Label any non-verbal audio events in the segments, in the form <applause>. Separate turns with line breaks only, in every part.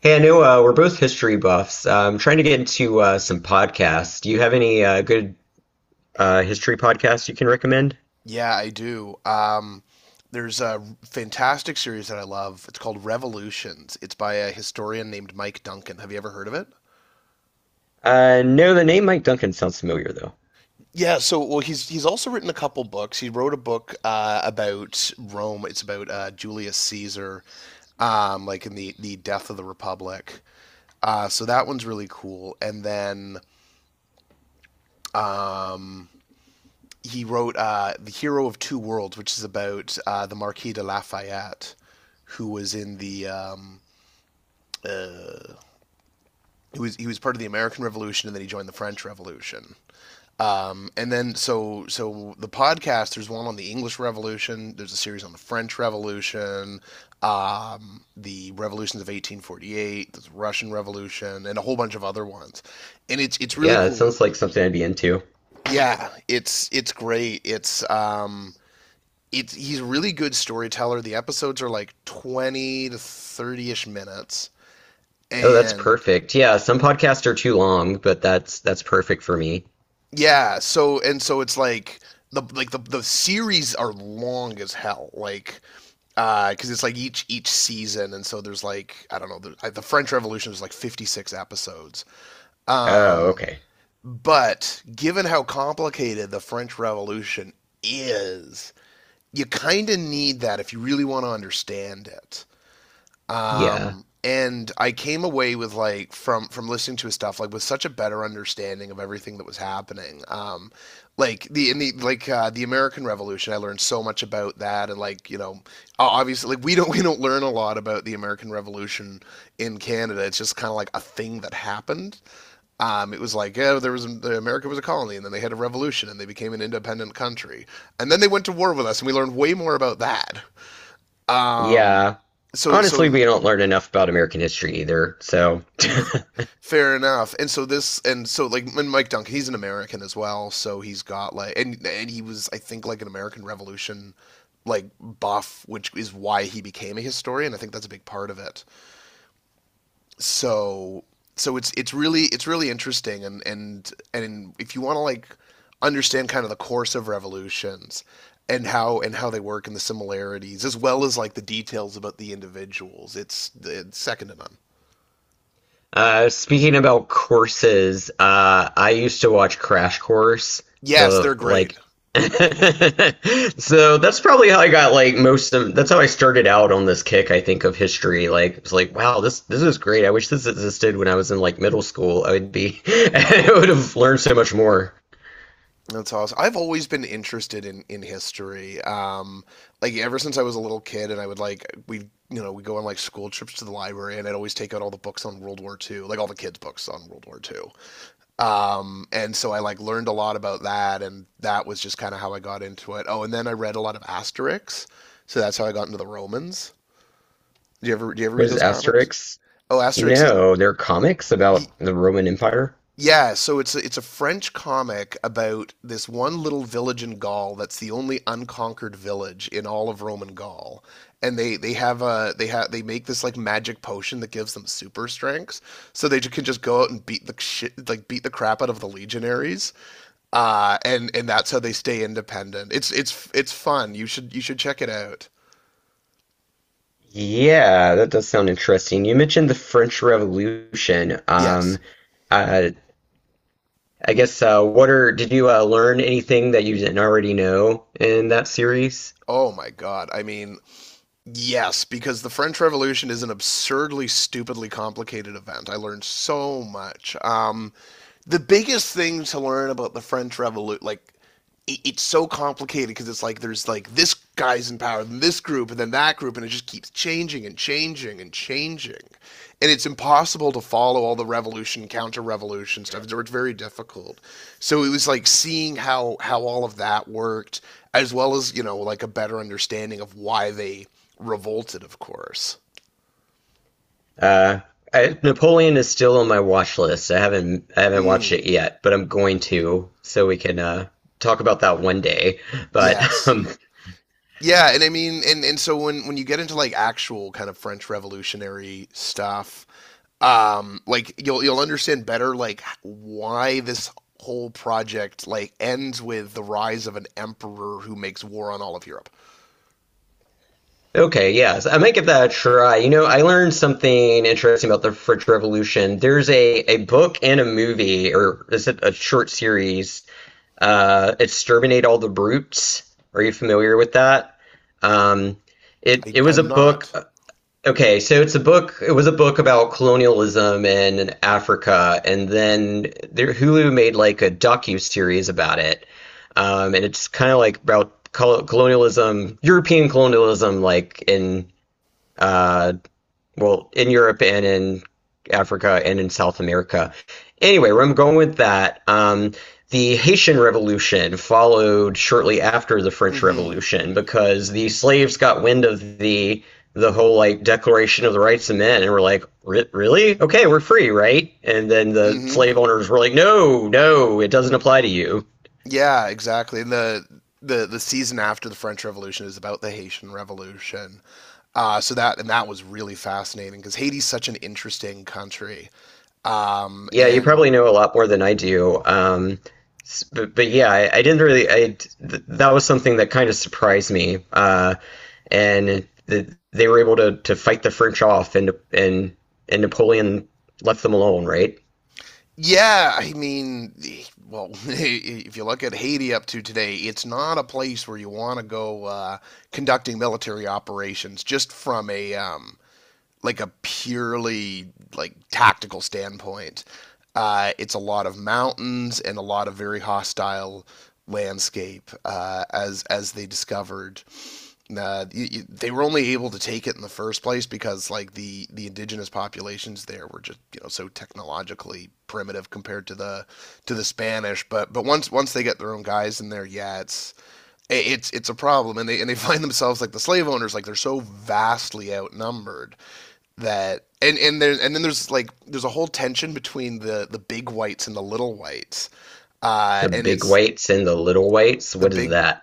Hey, I know we're both history buffs. I'm trying to get into some podcasts. Do you have any good history podcasts you can recommend?
Yeah, I do. There's a fantastic series that I love. It's called Revolutions. It's by a historian named Mike Duncan. Have you ever heard of it?
No, the name Mike Duncan sounds familiar, though.
Yeah, so well, he's also written a couple books. He wrote a book about Rome. It's about Julius Caesar, like in the death of the Republic. So that one's really cool. And then um, he wrote The Hero of Two Worlds, which is about the Marquis de Lafayette, who was in the he was part of the American Revolution, and then he joined the French Revolution. And then the podcast, there's one on the English Revolution, there's a series on the French Revolution, the revolutions of 1848, the Russian Revolution, and a whole bunch of other ones. And it's really
Yeah, it
cool.
sounds like something I'd be into.
Yeah, it's great. It's he's a really good storyteller. The episodes are like 20 to 30ish minutes
Oh, that's
and
perfect. Yeah, some podcasts are too long, but that's perfect for me.
yeah, so and so it's like the series are long as hell. Like cuz it's like each season, and so there's like I don't know, like the French Revolution is like 56 episodes.
Oh,
Um
okay.
but given how complicated the French Revolution is, you kind of need that if you really want to understand it.
Yeah.
And I came away with like from listening to his stuff like with such a better understanding of everything that was happening. Like the in the like the American Revolution, I learned so much about that, and like you know, obviously like we don't <laughs> we don't learn a lot about the American Revolution in Canada. It's just kind of like a thing that happened. It was like yeah, there was the America was a colony, and then they had a revolution, and they became an independent country, and then they went to war with us, and we learned way more about that. Um,
Yeah.
so
Honestly,
so
we don't learn enough about American history either, so…
Fair enough. And so this, and so like, and Mike Duncan, he's an American as well, so he's got like, and he was, I think, like an American Revolution like buff, which is why he became a historian. I think that's a big part of it. So so it's really interesting, and and if you want to like understand kind of the course of revolutions and how they work and the similarities as well as like the details about the individuals, it's second to none.
Speaking about courses, I used to watch Crash Course,
Yes, they're
the
great.
like <laughs> so that's probably how I got like most of… that's how I started out on this kick, I think, of history. Like it's like, wow, this is great. I wish this existed when I was in like middle school. I would be <laughs> I would have learned so much more.
That's awesome. I've always been interested in history. Like ever since I was a little kid, and I would like we you know we go on like school trips to the library, and I'd always take out all the books on World War II, like all the kids' books on World War II. And so I like learned a lot about that, and that was just kind of how I got into it. Oh, and then I read a lot of Asterix, so that's how I got into the Romans. Do you ever
What
read
is
those comics?
Asterix?
Oh, Asterix is
No, they're comics
y-
about the Roman Empire.
yeah, so it's a French comic about this one little village in Gaul that's the only unconquered village in all of Roman Gaul. And they have a they have they make this like magic potion that gives them super strength. So they can just go out and beat the shit like beat the crap out of the legionaries. And that's how they stay independent. It's fun. You should check it out.
Yeah, that does sound interesting. You mentioned the French Revolution.
Yes.
Uh, I guess what are… did you learn anything that you didn't already know in that series?
Oh my God. I mean, yes, because the French Revolution is an absurdly, stupidly complicated event. I learned so much. The biggest thing to learn about the French Revolution, like it's so complicated because it's like there's like this guy's in power, then this group, and then that group, and it just keeps changing and changing and changing, and it's impossible to follow all the revolution, counter-revolution stuff. It's very difficult. So it was like seeing how all of that worked, as well as you know like a better understanding of why they revolted. Of course.
Uh, Napoleon is still on my watch list. I haven't watched
Mm,
it yet, but I'm going to, so we can talk about that one day. But <laughs>
yes.
um,
Yeah, and I mean, and so when you get into like actual kind of French Revolutionary stuff, like you'll understand better like why this whole project like ends with the rise of an emperor who makes war on all of Europe.
okay, yes, I might give that a try. You know, I learned something interesting about the French Revolution. There's a book and a movie, or is it a short series? Exterminate All the Brutes. Are you familiar with that? Um, it it was a
I'm
book.
not.
Okay, so it's a book. It was a book about colonialism in Africa, and then there, Hulu made like a docu series about it, and it's kind of like about colonialism, European colonialism, like in uh, well, in Europe and in Africa and in South America. Anyway, where I'm going with that, the Haitian Revolution followed shortly after the French
Mm-hmm.
Revolution because the slaves got wind of the whole like Declaration of the Rights of Men and were like, really? Okay, we're free, right? And then the
Mm-hmm.
slave owners were like, no, no, it doesn't apply to you.
Yeah, exactly. And the season after the French Revolution is about the Haitian Revolution. So that and that was really fascinating because Haiti's such an interesting country.
Yeah, you
And
probably know a lot more than I do. But yeah, I didn't really. I d th That was something that kind of surprised me. And the, they were able to fight the French off, and and Napoleon left them alone, right?
Yeah, I mean, well, <laughs> if you look at Haiti up to today, it's not a place where you want to go conducting military operations just from a like a purely like tactical standpoint, it's a lot of mountains and a lot of very hostile landscape as they discovered. They were only able to take it in the first place because like the indigenous populations there were just you know so technologically primitive compared to the Spanish. But once they get their own guys in there, yeah, it's a problem, and they <laughs> find themselves like the slave owners, like they're so vastly outnumbered, that and there's and then there's like there's a whole tension between the big whites and the little whites. Uh
The
and
big
it's
whites and the little whites.
the
What is
big
that?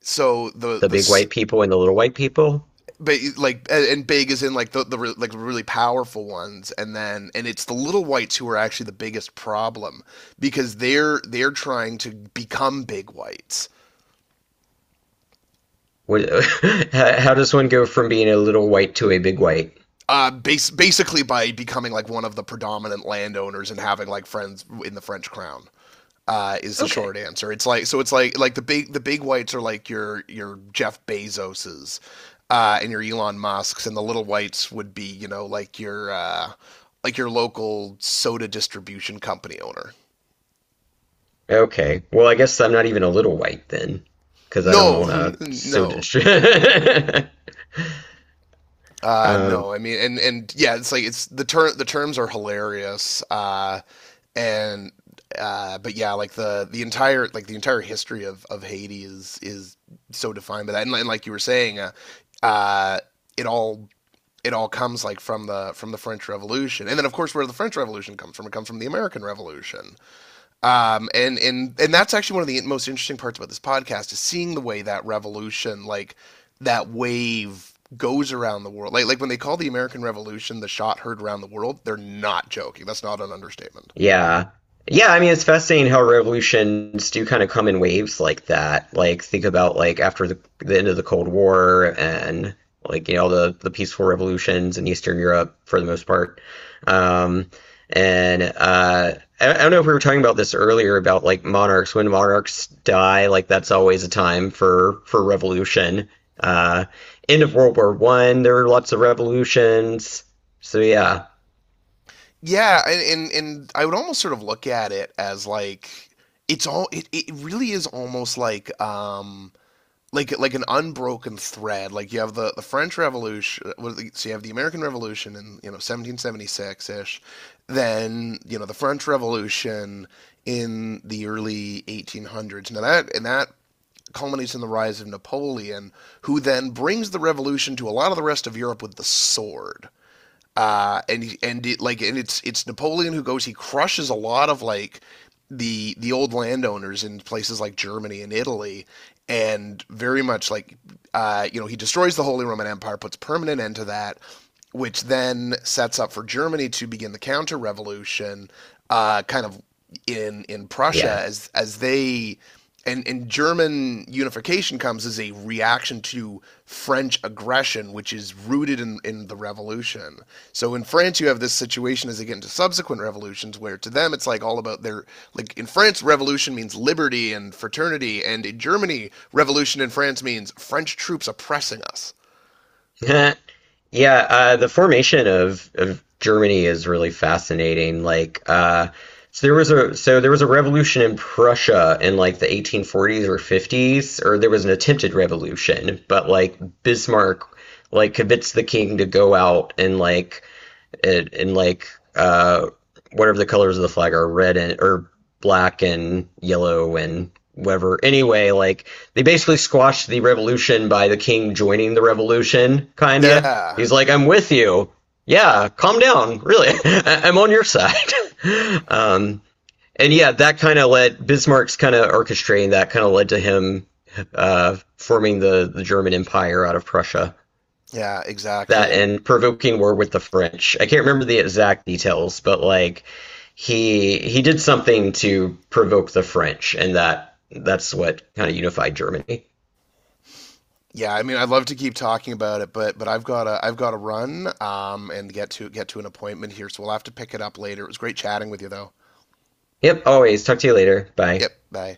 so
The
the
big white people and the little white people?
but like and Big is in like the like really powerful ones, and it's the little whites who are actually the biggest problem because they're trying to become big whites,
What, <laughs> how does one go from being a little white to a big white?
base basically by becoming like one of the predominant landowners and having like friends in the french crown is the
Okay.
short answer. It's like so. It's like the big whites are like your Jeff Bezoses and your Elon Musk's, and the little whites would be you know like your local soda distribution company owner.
Okay. Well, I guess I'm not even a little white then, because I don't
No,
own
<laughs>
a soda
no,
stream.
no. I
<laughs>
mean, and yeah, it's like it's the terms are hilarious. And But yeah, like the entire history of Haiti is so defined by that, and like you were saying, uh, it all it all comes like from the French Revolution, and then of course where the French Revolution comes from, it comes from the American Revolution. And that's actually one of the most interesting parts about this podcast is seeing the way that revolution, like that wave, goes around the world. Like when they call the American Revolution the shot heard around the world, they're not joking. That's not an understatement.
Yeah. Yeah, I mean, it's fascinating how revolutions do kind of come in waves like that. Like, think about like after the end of the Cold War and like, you know, the peaceful revolutions in Eastern Europe for the most part. Um, and I don't know if we were talking about this earlier about like monarchs. When monarchs die, like that's always a time for revolution. Uh, End of World War I, there were lots of revolutions. So yeah,
Yeah, and I would almost sort of look at it as like it's all it really is almost like an unbroken thread. Like you have the French Revolution, so you have the American Revolution in you know 1776 ish, then you know the French Revolution in the early 1800s. Now that and that culminates in the rise of Napoleon, who then brings the revolution to a lot of the rest of Europe with the sword, and it, like and it's Napoleon who goes. He crushes a lot of like the old landowners in places like Germany and Italy, and very much like you know he destroys the Holy Roman Empire, puts permanent end to that, which then sets up for Germany to begin the counter revolution, kind of in
yeah.
Prussia as they and German unification comes as a reaction to French aggression, which is rooted in the revolution. So in France, you have this situation as they get into subsequent revolutions, where to them it's like all about their like in France, revolution means liberty and fraternity, and in Germany, revolution in France means French troops oppressing us.
<laughs> Yeah, the formation of Germany is really fascinating. Like, so there was a revolution in Prussia in like the 1840s or 50s, or there was an attempted revolution, but like Bismarck like convinced the king to go out and like and, and like uh, whatever the colors of the flag are, red and… or black and yellow and whatever. Anyway, like they basically squashed the revolution by the king joining the revolution, kinda.
Yeah,
He's like, I'm with you. Yeah, calm down. Really, <laughs> I'm on your side. <laughs> um, and yeah, that kind of led… Bismarck's kind of orchestrating that kind of led to him forming the German Empire out of Prussia,
yeah,
that,
exactly.
and provoking war with the French. I can't remember the exact details, but like he did something to provoke the French, and that's what kind of unified Germany.
Yeah, I mean, I'd love to keep talking about it, but I've got to run and get to an appointment here, so we'll have to pick it up later. It was great chatting with you though.
Yep, always. Talk to you later. Bye.
Yep, bye.